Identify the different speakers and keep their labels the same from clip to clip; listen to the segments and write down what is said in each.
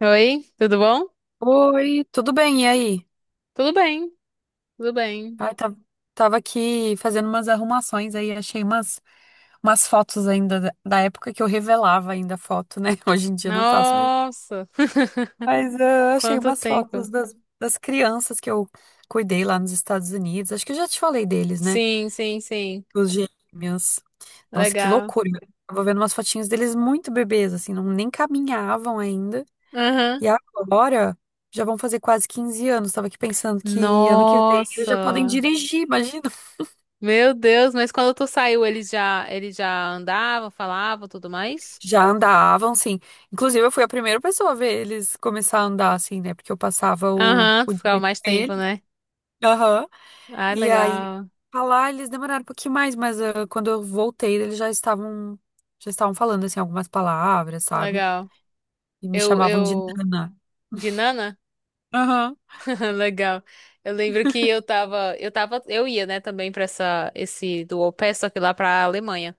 Speaker 1: Oi, tudo bom?
Speaker 2: Oi, tudo bem? E aí?
Speaker 1: Tudo bem, tudo bem.
Speaker 2: Ai, tá- Tava aqui fazendo umas arrumações aí, achei umas fotos ainda da época que eu revelava ainda foto, né? Hoje em dia eu não faço mais,
Speaker 1: Nossa,
Speaker 2: mas eu achei
Speaker 1: quanto
Speaker 2: umas
Speaker 1: tempo.
Speaker 2: fotos das crianças que eu cuidei lá nos Estados Unidos. Acho que eu já te falei deles, né?
Speaker 1: Sim, sim, sim.
Speaker 2: Os gêmeos. Nossa, que
Speaker 1: Legal.
Speaker 2: loucura. Eu tava vendo umas fotinhas deles muito bebês, assim, não, nem caminhavam ainda.
Speaker 1: Aham.
Speaker 2: E agora já vão fazer quase 15 anos. Estava aqui pensando que ano que vem eles já podem
Speaker 1: Nossa,
Speaker 2: dirigir, imagina.
Speaker 1: meu Deus, mas quando tu saiu, ele já andava, falava, tudo mais?
Speaker 2: Já andavam, sim. Inclusive, eu fui a primeira pessoa a ver eles começar a andar, assim, né? Porque eu passava
Speaker 1: Aham,
Speaker 2: o
Speaker 1: tu ficava
Speaker 2: dia com
Speaker 1: mais tempo,
Speaker 2: eles.
Speaker 1: né?
Speaker 2: Aham.
Speaker 1: Ah,
Speaker 2: E aí,
Speaker 1: legal,
Speaker 2: pra lá eles demoraram um pouquinho mais, mas quando eu voltei, eles já estavam falando, assim, algumas palavras, sabe?
Speaker 1: legal.
Speaker 2: E me
Speaker 1: Eu,
Speaker 2: chamavam de
Speaker 1: eu,
Speaker 2: Nana.
Speaker 1: de Nana?
Speaker 2: Aham.
Speaker 1: Legal. Eu lembro que eu ia, né, também pra esse do au pair, só que lá pra Alemanha.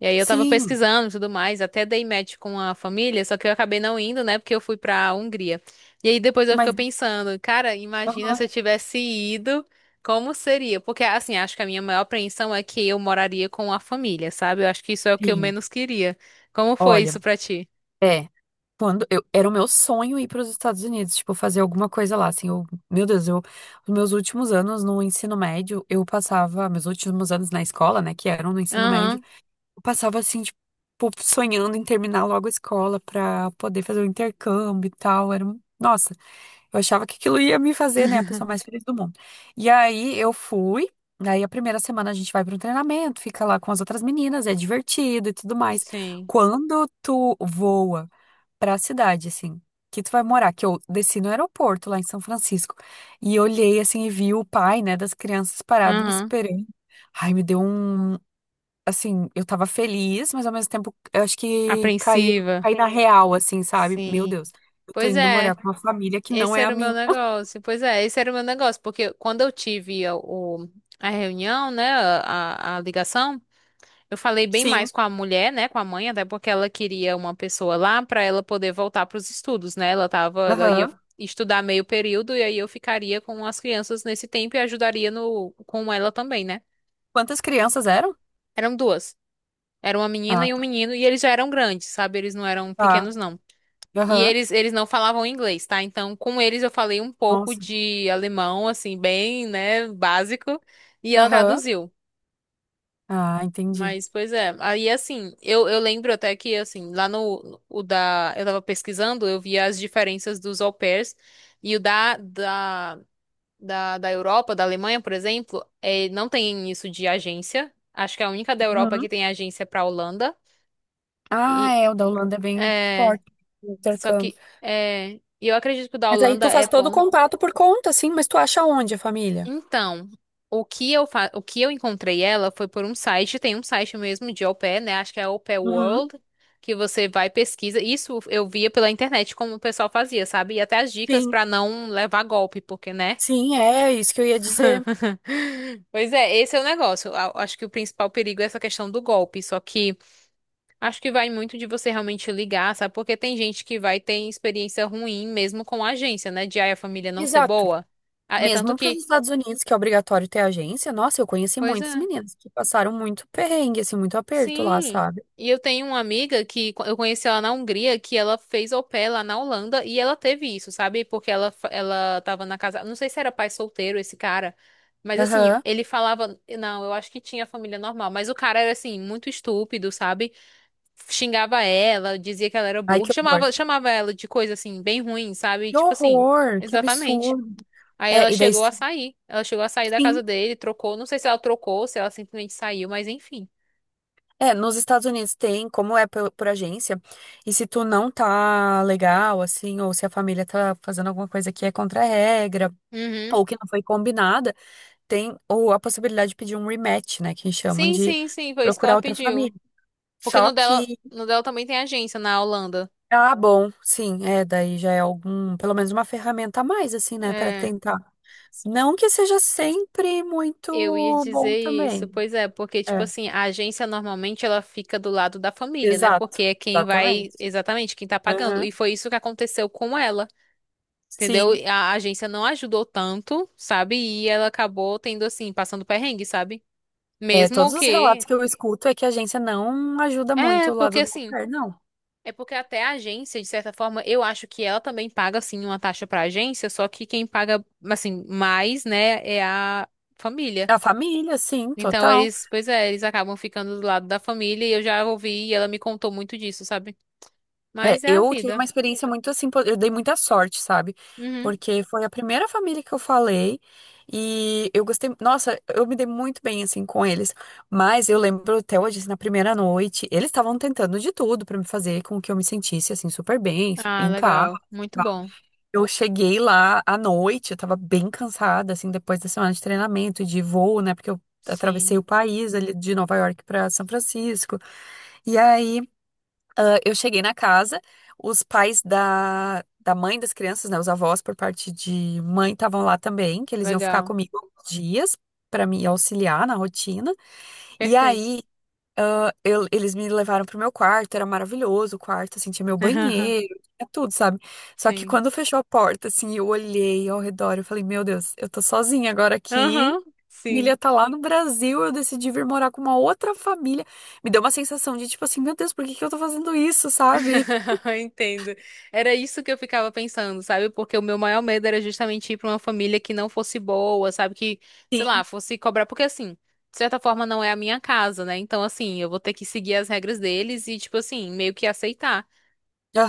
Speaker 1: E aí eu tava
Speaker 2: Sim,
Speaker 1: pesquisando e tudo mais, até dei match com a família, só que eu acabei não indo, né? Porque eu fui pra Hungria. E aí depois eu fiquei
Speaker 2: mas.
Speaker 1: pensando, cara, imagina se
Speaker 2: Aham.
Speaker 1: eu tivesse ido, como seria? Porque assim, acho que a minha maior apreensão é que eu moraria com a família, sabe? Eu acho que isso é o que eu
Speaker 2: Sim.
Speaker 1: menos queria. Como foi isso
Speaker 2: Olha.
Speaker 1: pra ti?
Speaker 2: é. Quando eu, era o meu sonho ir para os Estados Unidos, tipo, fazer alguma coisa lá, assim, meu Deus, os meus últimos anos no ensino médio, eu passava, meus últimos anos na escola, né, que eram no ensino médio,
Speaker 1: Aham,
Speaker 2: eu passava, assim, tipo, sonhando em terminar logo a escola para poder fazer o intercâmbio e tal, nossa, eu achava que aquilo ia me fazer, né, a pessoa mais feliz do mundo. E aí eu fui, aí a primeira semana a gente vai para um treinamento, fica lá com as outras meninas, é divertido e tudo mais.
Speaker 1: sim.
Speaker 2: Quando tu voa pra cidade, assim, que tu vai morar, que eu desci no aeroporto lá em São Francisco e olhei, assim, e vi o pai, né, das crianças parado me
Speaker 1: Aham.
Speaker 2: esperando. Ai, me deu um, assim, eu tava feliz, mas ao mesmo tempo, eu acho que
Speaker 1: Apreensiva.
Speaker 2: caí na real, assim, sabe? Meu
Speaker 1: Sim.
Speaker 2: Deus, eu tô
Speaker 1: Pois
Speaker 2: indo morar
Speaker 1: é.
Speaker 2: com uma família que não
Speaker 1: Esse
Speaker 2: é a
Speaker 1: era o meu
Speaker 2: minha.
Speaker 1: negócio. Pois é, esse era o meu negócio, porque quando eu tive a reunião, né, a ligação, eu falei bem
Speaker 2: Sim,
Speaker 1: mais com a mulher, né, com a mãe, até porque ela queria uma pessoa lá para ela poder voltar para os estudos, né? Ela ia
Speaker 2: aham.
Speaker 1: estudar meio período e aí eu ficaria com as crianças nesse tempo e ajudaria no com ela também, né?
Speaker 2: Quantas crianças eram?
Speaker 1: Eram duas. Era uma menina
Speaker 2: Ah,
Speaker 1: e um menino e eles já eram grandes, sabe? Eles não eram
Speaker 2: tá,
Speaker 1: pequenos, não. E
Speaker 2: aham.
Speaker 1: eles não falavam inglês, tá? Então, com eles eu falei um pouco
Speaker 2: Nossa,
Speaker 1: de alemão, assim, bem, né, básico, e ela
Speaker 2: aham.
Speaker 1: traduziu.
Speaker 2: Ah, entendi.
Speaker 1: Mas, pois é. Aí, assim, eu lembro até que, assim, lá no, o da, eu tava pesquisando, eu via as diferenças dos au pairs, e o da Europa, da Alemanha, por exemplo, é, não tem isso de agência. Acho que é a única da Europa que
Speaker 2: Uhum.
Speaker 1: tem agência pra Holanda.
Speaker 2: Ah,
Speaker 1: E,
Speaker 2: é, o da Holanda é bem
Speaker 1: é,
Speaker 2: forte. O
Speaker 1: só
Speaker 2: intercâmbio.
Speaker 1: que, é, eu acredito que o da
Speaker 2: Mas aí
Speaker 1: Holanda
Speaker 2: tu
Speaker 1: é
Speaker 2: faz todo o
Speaker 1: bom.
Speaker 2: contato por conta, sim, mas tu acha onde a família?
Speaker 1: Então, o que eu encontrei ela foi por um site, tem um site mesmo de au pair, né? Acho que é au pair
Speaker 2: Uhum,
Speaker 1: World, que você vai e pesquisa. Isso eu via pela internet como o pessoal fazia, sabe? E até as dicas
Speaker 2: sim,
Speaker 1: pra não levar golpe, porque, né?
Speaker 2: sim, é isso que eu ia dizer.
Speaker 1: Pois é, esse é o negócio. Acho que o principal perigo é essa questão do golpe. Só que acho que vai muito de você realmente ligar, sabe? Porque tem gente que vai ter experiência ruim mesmo com a agência, né? De aí a família não ser
Speaker 2: Exato.
Speaker 1: boa. Ah, é tanto
Speaker 2: Mesmo para os
Speaker 1: que.
Speaker 2: Estados Unidos, que é obrigatório ter agência, nossa, eu conheci
Speaker 1: Pois
Speaker 2: muitas
Speaker 1: é.
Speaker 2: meninas que passaram muito perrengue, assim, muito aperto lá,
Speaker 1: Sim.
Speaker 2: sabe?
Speaker 1: E eu tenho uma amiga que eu conheci ela na Hungria, que ela fez au pair lá na Holanda e ela teve isso, sabe? Porque ela tava na casa. Não sei se era pai solteiro esse cara, mas assim,
Speaker 2: Aham.
Speaker 1: ele falava. Não, eu acho que tinha família normal, mas o cara era assim, muito estúpido, sabe? Xingava ela, dizia que ela era
Speaker 2: Ai,
Speaker 1: burra,
Speaker 2: que horror.
Speaker 1: chamava ela de coisa assim, bem ruim, sabe?
Speaker 2: Que
Speaker 1: Tipo assim,
Speaker 2: horror, que
Speaker 1: exatamente.
Speaker 2: absurdo.
Speaker 1: Aí
Speaker 2: É,
Speaker 1: ela
Speaker 2: e daí,
Speaker 1: chegou a sair. Ela chegou a sair da
Speaker 2: sim.
Speaker 1: casa dele, trocou. Não sei se ela trocou, se ela simplesmente saiu, mas enfim.
Speaker 2: É, nos Estados Unidos tem, como é por agência, e se tu não tá legal, assim, ou se a família tá fazendo alguma coisa que é contra a regra,
Speaker 1: Uhum.
Speaker 2: ou que não foi combinada, tem ou a possibilidade de pedir um rematch, né, que chamam
Speaker 1: Sim,
Speaker 2: de
Speaker 1: sim, sim, foi isso que
Speaker 2: procurar
Speaker 1: ela
Speaker 2: outra
Speaker 1: pediu.
Speaker 2: família.
Speaker 1: Porque
Speaker 2: Só
Speaker 1: no dela,
Speaker 2: que,
Speaker 1: no dela também tem agência na Holanda.
Speaker 2: ah, bom, sim, é, daí já é algum, pelo menos uma ferramenta a mais, assim, né, para
Speaker 1: É,
Speaker 2: tentar. Não que seja sempre
Speaker 1: eu ia
Speaker 2: muito bom
Speaker 1: dizer isso.
Speaker 2: também.
Speaker 1: Pois é, porque tipo
Speaker 2: É,
Speaker 1: assim, a agência normalmente ela fica do lado da família, né?
Speaker 2: exato,
Speaker 1: Porque é quem vai,
Speaker 2: exatamente.
Speaker 1: exatamente, quem tá pagando.
Speaker 2: Aham.
Speaker 1: E foi isso que aconteceu com ela. Entendeu?
Speaker 2: Sim,
Speaker 1: A agência não ajudou tanto, sabe? E ela acabou tendo assim, passando perrengue, sabe?
Speaker 2: é, todos
Speaker 1: Mesmo
Speaker 2: os relatos
Speaker 1: que
Speaker 2: que eu escuto é que a agência não ajuda
Speaker 1: é,
Speaker 2: muito o
Speaker 1: porque
Speaker 2: lado do
Speaker 1: assim,
Speaker 2: governo, não.
Speaker 1: é porque até a agência, de certa forma, eu acho que ela também paga, assim, uma taxa pra agência, só que quem paga, assim, mais, né, é a família.
Speaker 2: A família, sim,
Speaker 1: Então
Speaker 2: total.
Speaker 1: eles, pois é, eles acabam ficando do lado da família e eu já ouvi e ela me contou muito disso, sabe?
Speaker 2: É,
Speaker 1: Mas é a
Speaker 2: eu tive uma
Speaker 1: vida.
Speaker 2: experiência muito assim, eu dei muita sorte, sabe?
Speaker 1: Uhum.
Speaker 2: Porque foi a primeira família que eu falei e eu gostei, nossa, eu me dei muito bem assim com eles. Mas eu lembro até hoje, assim, na primeira noite, eles estavam tentando de tudo pra me fazer com que eu me sentisse assim super bem,
Speaker 1: Ah,
Speaker 2: em casa.
Speaker 1: legal. Muito bom.
Speaker 2: e Eu cheguei lá à noite, eu tava bem cansada assim depois da semana de treinamento e de voo, né? Porque eu atravessei
Speaker 1: Sim.
Speaker 2: o país ali de Nova York pra São Francisco. E aí eu cheguei na casa, os pais da mãe das crianças, né, os avós por parte de mãe estavam lá também, que eles iam ficar
Speaker 1: Legal.
Speaker 2: comigo alguns dias para me auxiliar na rotina. E
Speaker 1: Perfeito.
Speaker 2: aí, eles me levaram pro meu quarto, era maravilhoso o quarto, assim, tinha meu banheiro, tinha tudo, sabe? Só que
Speaker 1: Sim.
Speaker 2: quando fechou a porta, assim, eu olhei ao redor, eu falei, meu Deus, eu tô sozinha agora aqui.
Speaker 1: Aham. Sim.
Speaker 2: Milha tá lá no Brasil, eu decidi vir morar com uma outra família. Me deu uma sensação de tipo assim, meu Deus, por que que eu tô fazendo isso, sabe?
Speaker 1: Entendo. Era isso que eu ficava pensando, sabe? Porque o meu maior medo era justamente ir para uma família que não fosse boa, sabe? Que, sei lá, fosse cobrar. Porque, assim, de certa forma não é a minha casa, né? Então, assim, eu vou ter que seguir as regras deles e, tipo assim, meio que aceitar.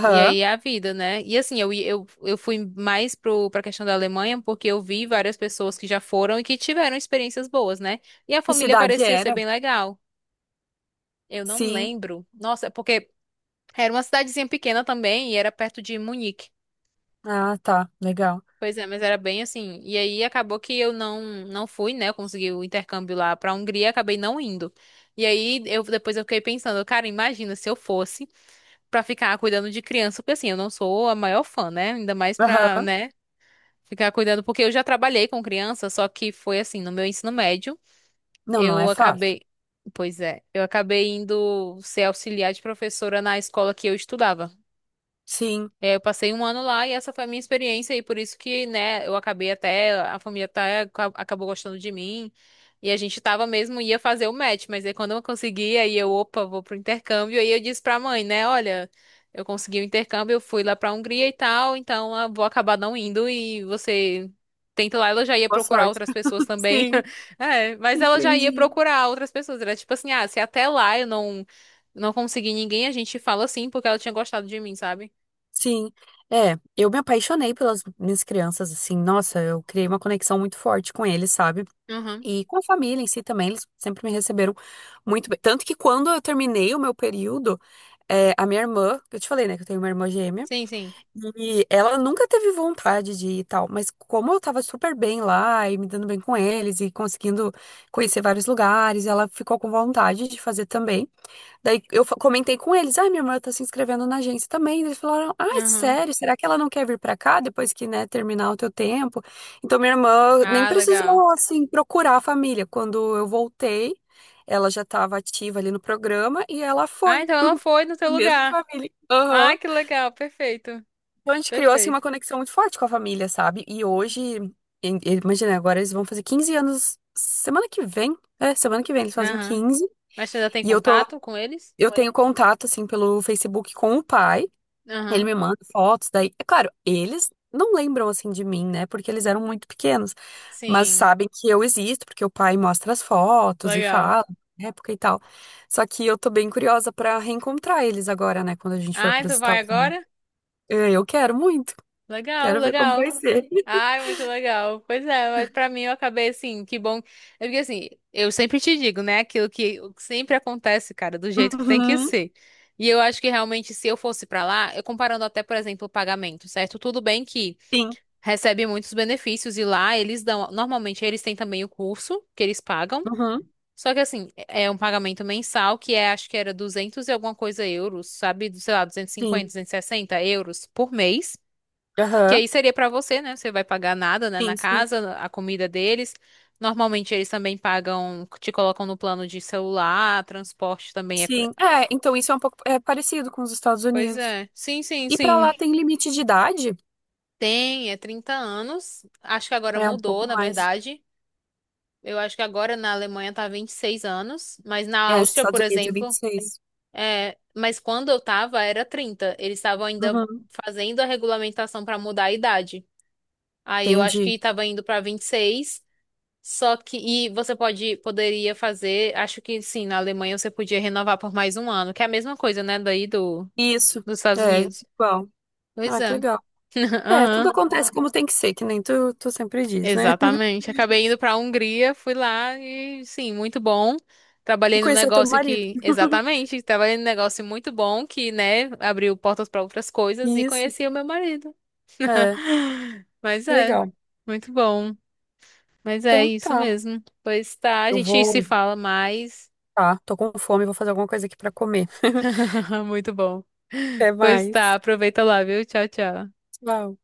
Speaker 1: E aí é a vida, né? E, assim, eu fui mais pra questão da Alemanha porque eu vi várias pessoas que já foram e que tiveram experiências boas, né? E a
Speaker 2: Que
Speaker 1: família
Speaker 2: cidade
Speaker 1: parecia ser
Speaker 2: era?
Speaker 1: bem legal. Eu não
Speaker 2: Sim.
Speaker 1: lembro. Nossa, é porque. Era uma cidadezinha pequena também e era perto de Munique.
Speaker 2: Ah, tá. Legal.
Speaker 1: Pois é, mas era bem assim. E aí acabou que eu não fui, né? Eu consegui o intercâmbio lá pra Hungria, acabei não indo. E aí eu depois eu fiquei pensando, cara, imagina se eu fosse pra ficar cuidando de criança, porque assim, eu não sou a maior fã, né? Ainda mais pra,
Speaker 2: Aham.
Speaker 1: né, ficar cuidando, porque eu já trabalhei com criança, só que foi assim, no meu ensino médio,
Speaker 2: Não, não é
Speaker 1: eu
Speaker 2: fácil.
Speaker 1: acabei, pois é, eu acabei indo ser auxiliar de professora na escola que eu estudava.
Speaker 2: Sim.
Speaker 1: É, eu passei um ano lá e essa foi a minha experiência e por isso que, né, eu acabei até, a família até acabou gostando de mim e a gente tava mesmo, ia fazer o match, mas aí quando eu consegui, aí eu, opa, vou pro intercâmbio, aí eu disse pra mãe, né, olha, eu consegui o intercâmbio, eu fui lá pra Hungria e tal, então vou acabar não indo e você tenta lá, ela já ia
Speaker 2: Boa
Speaker 1: procurar
Speaker 2: sorte.
Speaker 1: outras pessoas também,
Speaker 2: Sim,
Speaker 1: é, mas ela já ia
Speaker 2: entendi.
Speaker 1: procurar outras pessoas, era tipo assim, ah, se até lá eu não conseguir ninguém, a gente fala assim porque ela tinha gostado de mim, sabe?
Speaker 2: Sim. É, eu me apaixonei pelas minhas crianças, assim. Nossa, eu criei uma conexão muito forte com eles, sabe? E com a família em si também, eles sempre me receberam muito bem. Tanto que quando eu terminei o meu período, é, a minha irmã, eu te falei, né, que eu tenho uma irmã gêmea.
Speaker 1: Sim, sim.
Speaker 2: E ela nunca teve vontade de ir e tal, mas como eu tava super bem lá e me dando bem com eles e conseguindo conhecer vários lugares, ela ficou com vontade de fazer também. Daí eu comentei com eles: ai, minha irmã tá se inscrevendo na agência também. Eles falaram: ai,
Speaker 1: Aham.
Speaker 2: sério, será que ela não quer vir pra cá depois que, né, terminar o teu tempo? Então minha irmã nem
Speaker 1: Ah, legal.
Speaker 2: precisou, assim, procurar a família. Quando eu voltei, ela já tava ativa ali no programa e ela
Speaker 1: Ah,
Speaker 2: foi
Speaker 1: então ela foi no teu
Speaker 2: pra mesma
Speaker 1: lugar.
Speaker 2: família. Aham.
Speaker 1: Ah, que legal. Perfeito.
Speaker 2: Então a gente criou assim uma
Speaker 1: Perfeito.
Speaker 2: conexão muito forte com a família, sabe? E hoje, imagina, agora eles vão fazer 15 anos semana que vem. É, semana que vem eles fazem
Speaker 1: Aham.
Speaker 2: 15
Speaker 1: Mas você já tem
Speaker 2: e
Speaker 1: contato com eles?
Speaker 2: eu tenho contato assim pelo Facebook com o pai. Ele
Speaker 1: Aham.
Speaker 2: me manda fotos daí. É claro, eles não lembram assim de mim, né? Porque eles eram muito pequenos, mas
Speaker 1: Sim.
Speaker 2: sabem que eu existo porque o pai mostra as fotos e
Speaker 1: Legal.
Speaker 2: fala na época e tal. Só que eu tô bem curiosa pra reencontrar eles agora, né, quando a gente for
Speaker 1: Ah,
Speaker 2: para os
Speaker 1: tu vai
Speaker 2: Estados Unidos.
Speaker 1: agora?
Speaker 2: É, eu quero muito.
Speaker 1: Legal,
Speaker 2: Quero ver como vai
Speaker 1: legal.
Speaker 2: ser.
Speaker 1: Ai, muito legal. Pois é, mas pra mim eu acabei assim, que bom. É, porque assim, eu sempre te digo, né? Aquilo que o que sempre acontece, cara, do jeito que tem que
Speaker 2: Uhum,
Speaker 1: ser. E eu acho que realmente se eu fosse pra lá, eu comparando até, por exemplo, o pagamento, certo? Tudo bem que
Speaker 2: sim.
Speaker 1: recebe muitos benefícios e lá eles dão, normalmente eles têm também o curso que eles pagam,
Speaker 2: Uhum,
Speaker 1: só que assim, é um pagamento mensal que é, acho que era 200 e alguma coisa euros, sabe, sei lá, 200 duzentos e
Speaker 2: sim.
Speaker 1: cinquenta 260 euros por mês, que
Speaker 2: Aham.
Speaker 1: aí seria pra você, né? Você vai pagar nada, né, na
Speaker 2: Sim, sim.
Speaker 1: casa, a comida deles. Normalmente eles também pagam, te colocam no plano de celular, transporte também é.
Speaker 2: Sim. É, então isso é um pouco é parecido com os Estados
Speaker 1: Pois
Speaker 2: Unidos.
Speaker 1: é. Sim, sim,
Speaker 2: E pra lá
Speaker 1: sim.
Speaker 2: tem limite de idade?
Speaker 1: Tem, é 30 anos. Acho que agora
Speaker 2: É um
Speaker 1: mudou,
Speaker 2: pouco
Speaker 1: na
Speaker 2: mais.
Speaker 1: verdade. Eu acho que agora na Alemanha tá 26 anos, mas na
Speaker 2: É, os
Speaker 1: Áustria, por
Speaker 2: Estados Unidos é
Speaker 1: exemplo,
Speaker 2: 26.
Speaker 1: é, mas quando eu tava era 30. Eles estavam ainda
Speaker 2: Uhum,
Speaker 1: fazendo a regulamentação pra mudar a idade. Aí eu acho
Speaker 2: entendi.
Speaker 1: que tava indo pra 26. Só que e você poderia fazer, acho que sim, na Alemanha você podia renovar por mais um ano, que é a mesma coisa, né, daí do
Speaker 2: Isso.
Speaker 1: dos Estados
Speaker 2: É,
Speaker 1: Unidos.
Speaker 2: igual.
Speaker 1: Pois
Speaker 2: Ah, que
Speaker 1: é.
Speaker 2: legal. É, tudo
Speaker 1: Aham.
Speaker 2: acontece como tem que ser, que nem tu, tu sempre diz, né?
Speaker 1: Exatamente. Acabei indo para a Hungria, fui lá e sim, muito bom.
Speaker 2: E
Speaker 1: Trabalhei num
Speaker 2: conhecer o teu
Speaker 1: negócio
Speaker 2: marido.
Speaker 1: que, exatamente, trabalhei num negócio muito bom que, né, abriu portas para outras coisas e
Speaker 2: Isso.
Speaker 1: conheci o meu marido.
Speaker 2: É,
Speaker 1: Mas
Speaker 2: que
Speaker 1: é,
Speaker 2: legal.
Speaker 1: muito bom. Mas é
Speaker 2: Então
Speaker 1: isso
Speaker 2: tá.
Speaker 1: mesmo. Pois tá, a
Speaker 2: Eu
Speaker 1: gente se
Speaker 2: vou.
Speaker 1: fala mais.
Speaker 2: Tá, tô com fome, vou fazer alguma coisa aqui pra comer.
Speaker 1: Muito bom.
Speaker 2: Até
Speaker 1: Pois tá,
Speaker 2: mais.
Speaker 1: aproveita lá, viu? Tchau, tchau.
Speaker 2: Tchau.